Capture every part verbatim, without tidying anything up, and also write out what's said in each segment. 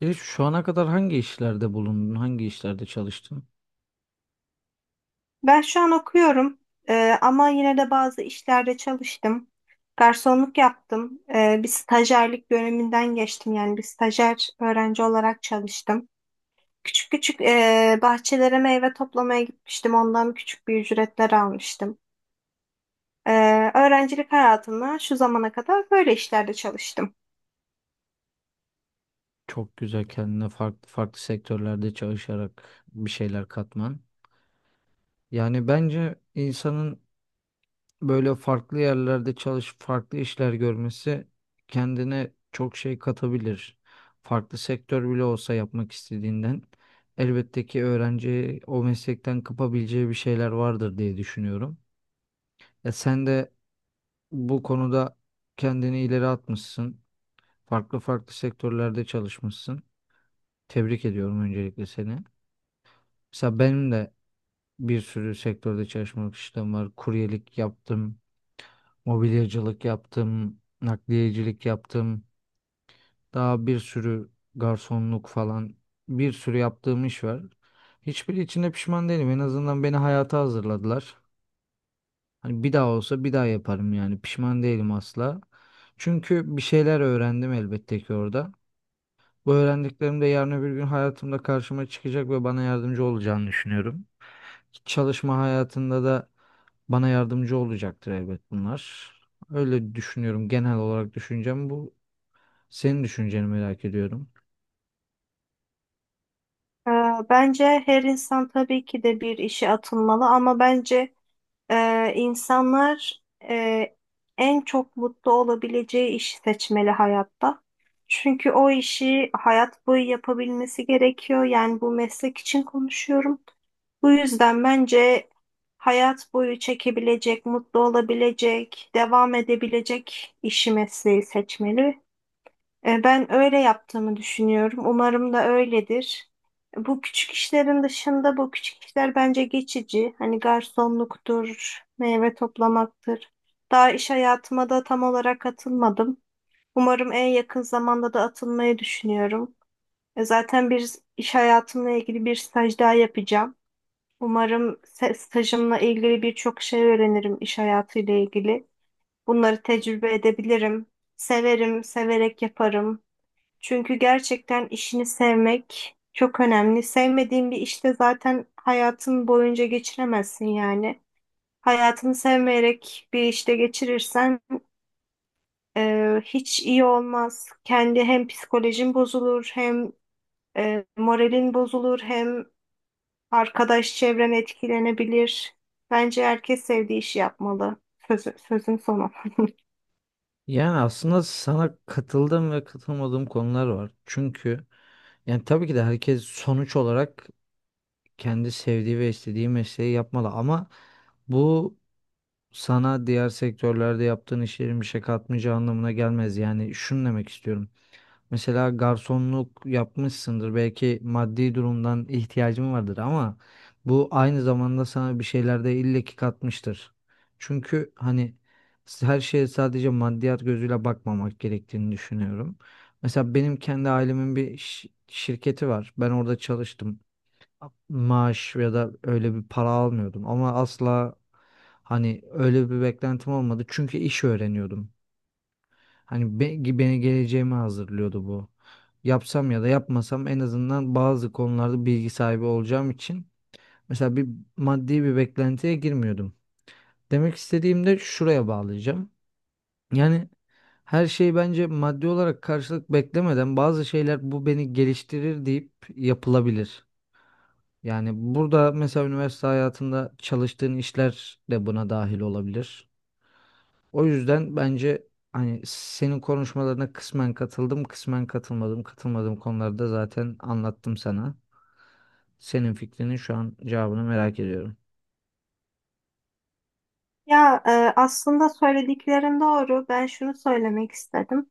E, şu ana kadar hangi işlerde bulundun? Hangi işlerde çalıştın? Ben şu an okuyorum. Ee, ama yine de bazı işlerde çalıştım. Garsonluk yaptım. Ee, bir stajyerlik döneminden geçtim. Yani bir stajyer öğrenci olarak çalıştım. Küçük küçük ee, bahçelere meyve toplamaya gitmiştim. Ondan küçük bir ücretler almıştım. Ee, öğrencilik hayatımda şu zamana kadar böyle işlerde çalıştım. Çok güzel kendine farklı farklı sektörlerde çalışarak bir şeyler katman. Yani bence insanın böyle farklı yerlerde çalış, farklı işler görmesi kendine çok şey katabilir. Farklı sektör bile olsa yapmak istediğinden elbette ki öğrenci o meslekten kapabileceği bir şeyler vardır diye düşünüyorum. Ya sen de bu konuda kendini ileri atmışsın. Farklı farklı sektörlerde çalışmışsın. Tebrik ediyorum öncelikle seni. Mesela benim de bir sürü sektörde çalışmak işlem var. Kuryelik yaptım, mobilyacılık yaptım, nakliyecilik yaptım. Daha bir sürü garsonluk falan bir sürü yaptığım iş var. Hiçbiri içinde pişman değilim. En azından beni hayata hazırladılar. Hani bir daha olsa bir daha yaparım yani. Pişman değilim asla. Çünkü bir şeyler öğrendim elbette ki orada. Bu öğrendiklerim de yarın öbür gün hayatımda karşıma çıkacak ve bana yardımcı olacağını düşünüyorum. Çalışma hayatında da bana yardımcı olacaktır elbet bunlar. Öyle düşünüyorum. Genel olarak düşüncem bu. Senin düşünceni merak ediyorum. Ee, Bence her insan tabii ki de bir işe atılmalı, ama bence Ee, insanlar e, en çok mutlu olabileceği işi seçmeli hayatta. Çünkü o işi hayat boyu yapabilmesi gerekiyor. Yani bu meslek için konuşuyorum. Bu yüzden bence hayat boyu çekebilecek, mutlu olabilecek, devam edebilecek işi, mesleği seçmeli. E, Ben öyle yaptığımı düşünüyorum. Umarım da öyledir. Bu küçük işlerin dışında, bu küçük işler bence geçici. Hani garsonluktur, meyve toplamaktır. Daha iş hayatıma da tam olarak atılmadım. Umarım en yakın zamanda da atılmayı düşünüyorum. E, Zaten bir iş hayatımla ilgili bir staj daha yapacağım. Umarım se- stajımla ilgili birçok şey öğrenirim iş hayatıyla ilgili. Bunları tecrübe edebilirim. Severim, severek yaparım. Çünkü gerçekten işini sevmek çok önemli. Sevmediğin bir işte zaten hayatın boyunca geçiremezsin yani. Hayatını sevmeyerek bir işte geçirirsen e, hiç iyi olmaz. Kendi hem psikolojin bozulur, hem e, moralin bozulur, hem arkadaş çevren etkilenebilir. Bence herkes sevdiği işi yapmalı. Sözü, sözün sonu. Yani aslında sana katıldığım ve katılmadığım konular var. Çünkü yani tabii ki de herkes sonuç olarak kendi sevdiği ve istediği mesleği yapmalı ama bu sana diğer sektörlerde yaptığın işlerin bir şey katmayacağı anlamına gelmez. Yani şunu demek istiyorum. Mesela garsonluk yapmışsındır. Belki maddi durumdan ihtiyacın vardır ama bu aynı zamanda sana bir şeyler de illaki katmıştır. Çünkü hani her şeye sadece maddiyat gözüyle bakmamak gerektiğini düşünüyorum. Mesela benim kendi ailemin bir şi- şirketi var. Ben orada çalıştım, maaş ya da öyle bir para almıyordum ama asla hani öyle bir beklentim olmadı çünkü iş öğreniyordum. Hani be- beni geleceğime hazırlıyordu bu. Yapsam ya da yapmasam en azından bazı konularda bilgi sahibi olacağım için mesela bir maddi bir beklentiye girmiyordum. Demek istediğim de şuraya bağlayacağım. Yani her şey bence maddi olarak karşılık beklemeden bazı şeyler bu beni geliştirir deyip yapılabilir. Yani burada mesela üniversite hayatında çalıştığın işler de buna dahil olabilir. O yüzden bence hani senin konuşmalarına kısmen katıldım, kısmen katılmadım. Katılmadığım konularda zaten anlattım sana. Senin fikrinin şu an cevabını merak ediyorum. Ya e, aslında söylediklerin doğru. Ben şunu söylemek istedim.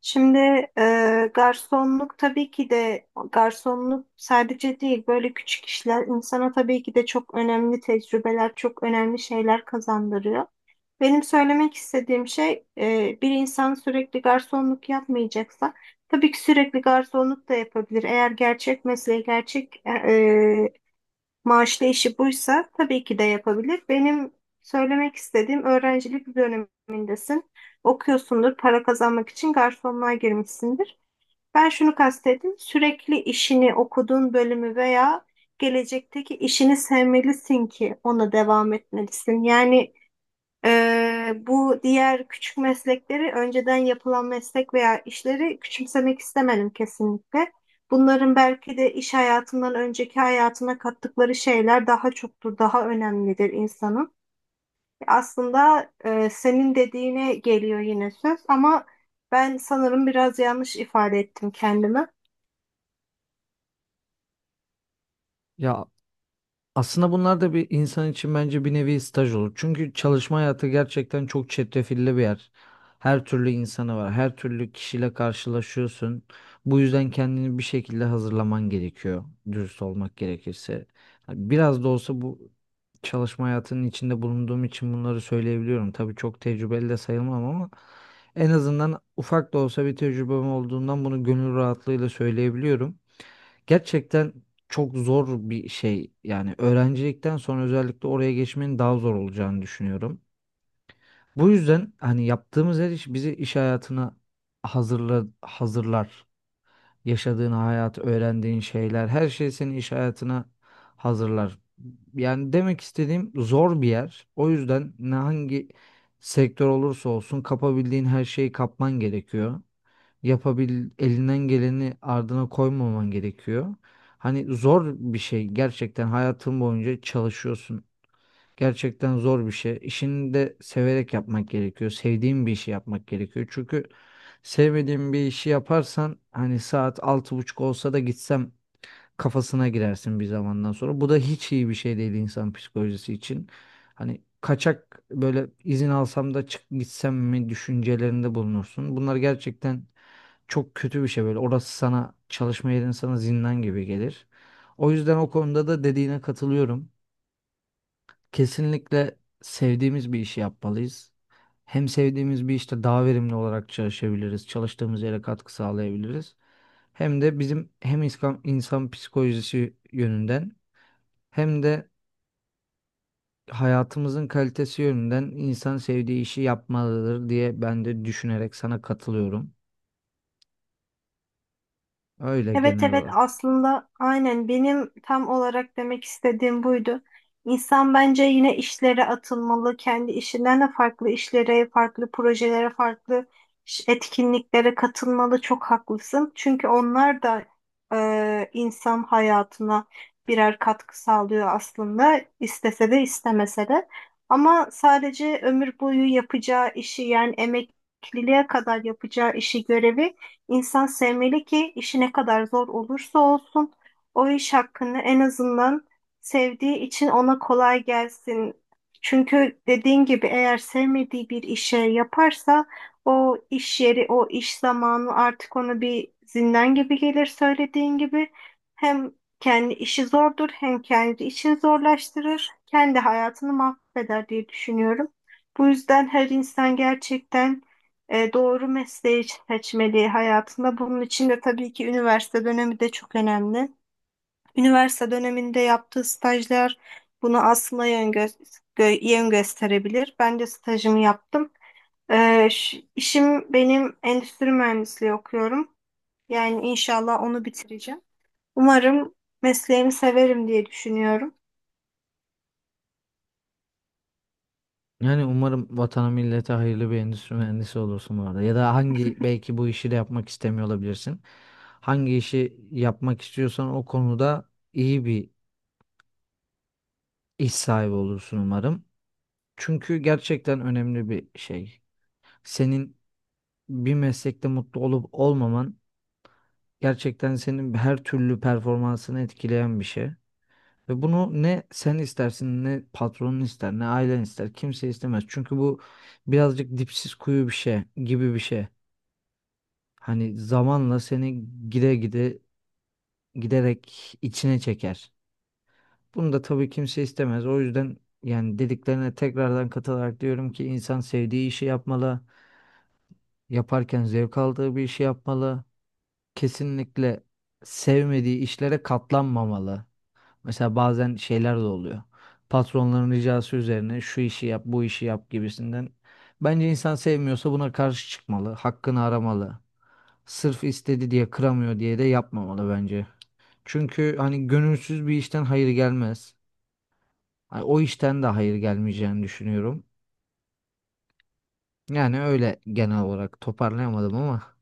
Şimdi e, garsonluk tabii ki de, garsonluk sadece değil, böyle küçük işler insana tabii ki de çok önemli tecrübeler, çok önemli şeyler kazandırıyor. Benim söylemek istediğim şey e, bir insan sürekli garsonluk yapmayacaksa, tabii ki sürekli garsonluk da yapabilir. Eğer gerçek mesleği, gerçek e, Maaşlı işi buysa tabii ki de yapabilir. Benim söylemek istediğim, öğrencilik dönemindesin. Okuyorsundur, para kazanmak için garsonluğa girmişsindir. Ben şunu kastettim. Sürekli işini, okuduğun bölümü veya gelecekteki işini sevmelisin ki ona devam etmelisin. Yani ee, bu diğer küçük meslekleri, önceden yapılan meslek veya işleri küçümsemek istemedim kesinlikle. Bunların belki de iş hayatından önceki hayatına kattıkları şeyler daha çoktur, daha önemlidir insanın. Aslında e, senin dediğine geliyor yine söz, ama ben sanırım biraz yanlış ifade ettim kendimi. Ya aslında bunlar da bir insan için bence bir nevi staj olur. Çünkü çalışma hayatı gerçekten çok çetrefilli bir yer. Her türlü insanı var, her türlü kişiyle karşılaşıyorsun. Bu yüzden kendini bir şekilde hazırlaman gerekiyor, dürüst olmak gerekirse. Yani biraz da olsa bu çalışma hayatının içinde bulunduğum için bunları söyleyebiliyorum. Tabii çok tecrübeli de sayılmam ama en azından ufak da olsa bir tecrübem olduğundan bunu gönül rahatlığıyla söyleyebiliyorum. Gerçekten çok zor bir şey. Yani öğrencilikten sonra özellikle oraya geçmenin daha zor olacağını düşünüyorum. Bu yüzden hani yaptığımız her iş bizi iş hayatına hazırla, hazırlar. Yaşadığın hayat, öğrendiğin şeyler, her şey seni iş hayatına hazırlar. Yani demek istediğim zor bir yer. O yüzden ne hangi sektör olursa olsun kapabildiğin her şeyi kapman gerekiyor, yapabil elinden geleni ardına koymaman gerekiyor. Hani zor bir şey, gerçekten hayatın boyunca çalışıyorsun. Gerçekten zor bir şey. İşini de severek yapmak gerekiyor. Sevdiğin bir işi yapmak gerekiyor. Çünkü sevmediğin bir işi yaparsan hani saat altı buçuk olsa da gitsem kafasına girersin bir zamandan sonra. Bu da hiç iyi bir şey değil insan psikolojisi için. Hani kaçak böyle izin alsam da çık gitsem mi düşüncelerinde bulunursun. Bunlar gerçekten çok kötü bir şey böyle. Orası sana, çalışma yerin sana zindan gibi gelir. O yüzden o konuda da dediğine katılıyorum. Kesinlikle sevdiğimiz bir işi yapmalıyız. Hem sevdiğimiz bir işte daha verimli olarak çalışabiliriz. Çalıştığımız yere katkı sağlayabiliriz. Hem de bizim hem insan, insan psikolojisi yönünden hem de hayatımızın kalitesi yönünden insan sevdiği işi yapmalıdır diye ben de düşünerek sana katılıyorum. Öyle Evet, genel evet, olarak. aslında aynen benim tam olarak demek istediğim buydu. İnsan bence yine işlere atılmalı. Kendi işinden de farklı işlere, farklı projelere, farklı ş- etkinliklere katılmalı. Çok haklısın. Çünkü onlar da e, insan hayatına birer katkı sağlıyor aslında, istese de istemese de. Ama sadece ömür boyu yapacağı işi, yani emekliliğe kadar yapacağı işi, görevi İnsan sevmeli ki işi ne kadar zor olursa olsun o iş hakkında en azından sevdiği için ona kolay gelsin. Çünkü dediğin gibi, eğer sevmediği bir işe yaparsa o iş yeri, o iş zamanı artık ona bir zindan gibi gelir, söylediğin gibi. Hem kendi işi zordur, hem kendi işini zorlaştırır. Kendi hayatını mahveder diye düşünüyorum. Bu yüzden her insan gerçekten e, doğru mesleği seçmeli hayatında. Bunun için de tabii ki üniversite dönemi de çok önemli. Üniversite döneminde yaptığı stajlar bunu aslında yön, gö- gö- yön gösterebilir. Ben de stajımı yaptım. Ee, ş- işim benim endüstri mühendisliği okuyorum. Yani inşallah onu bitireceğim. Umarım mesleğimi severim diye düşünüyorum. Yani umarım vatana millete hayırlı bir endüstri mühendisi olursun bu arada. Ya da hangi belki bu işi de yapmak istemiyor olabilirsin. Hangi işi yapmak istiyorsan o konuda iyi bir iş sahibi olursun umarım. Çünkü gerçekten önemli bir şey. Senin bir meslekte mutlu olup olmaman gerçekten senin her türlü performansını etkileyen bir şey. Ve bunu ne sen istersin, ne patronun ister, ne ailen ister, kimse istemez. Çünkü bu birazcık dipsiz kuyu bir şey gibi bir şey. Hani zamanla seni gide gide giderek içine çeker. Bunu da tabii kimse istemez. O yüzden yani dediklerine tekrardan katılarak diyorum ki insan sevdiği işi yapmalı. Yaparken zevk aldığı bir işi yapmalı. Kesinlikle sevmediği işlere katlanmamalı. Mesela bazen şeyler de oluyor. Patronların ricası üzerine şu işi yap, bu işi yap gibisinden. Bence insan sevmiyorsa buna karşı çıkmalı, hakkını aramalı. Sırf istedi diye, kıramıyor diye de yapmamalı bence. Çünkü hani gönülsüz bir işten hayır gelmez. Hani o işten de hayır gelmeyeceğini düşünüyorum. Yani öyle genel olarak toparlayamadım ama.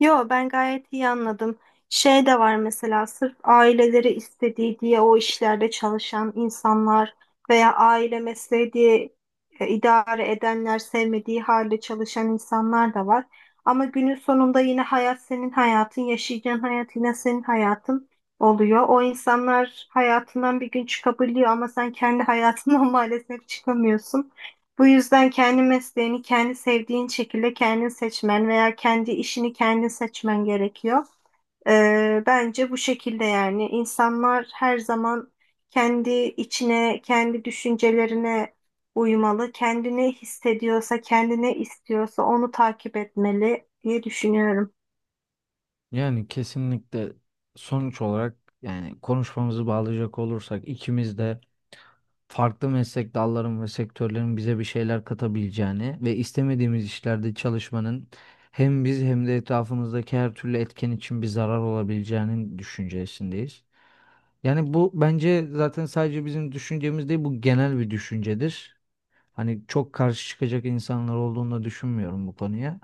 Yo, ben gayet iyi anladım. Şey de var, mesela sırf aileleri istediği diye o işlerde çalışan insanlar veya aile mesleği diye e, idare edenler, sevmediği halde çalışan insanlar da var. Ama günün sonunda yine hayat senin hayatın, yaşayacağın hayat yine senin hayatın oluyor. O insanlar hayatından bir gün çıkabiliyor, ama sen kendi hayatından maalesef çıkamıyorsun. Bu yüzden kendi mesleğini kendi sevdiğin şekilde kendin seçmen veya kendi işini kendin seçmen gerekiyor. Ee, bence bu şekilde, yani insanlar her zaman kendi içine, kendi düşüncelerine uymalı. Kendini hissediyorsa, kendine istiyorsa onu takip etmeli diye düşünüyorum. Yani kesinlikle sonuç olarak, yani konuşmamızı bağlayacak olursak, ikimiz de farklı meslek dalların ve sektörlerin bize bir şeyler katabileceğini ve istemediğimiz işlerde çalışmanın hem biz hem de etrafımızdaki her türlü etken için bir zarar olabileceğinin düşüncesindeyiz. Yani bu bence zaten sadece bizim düşüncemiz değil, bu genel bir düşüncedir. Hani çok karşı çıkacak insanlar olduğunu da düşünmüyorum bu konuya.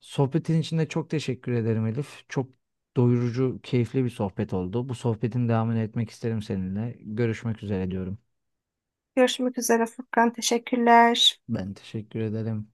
Sohbetin için de çok teşekkür ederim Elif. Çok doyurucu, keyifli bir sohbet oldu. Bu sohbetin devamını etmek isterim seninle. Görüşmek üzere diyorum. Görüşmek üzere Furkan. Teşekkürler. Ben teşekkür ederim.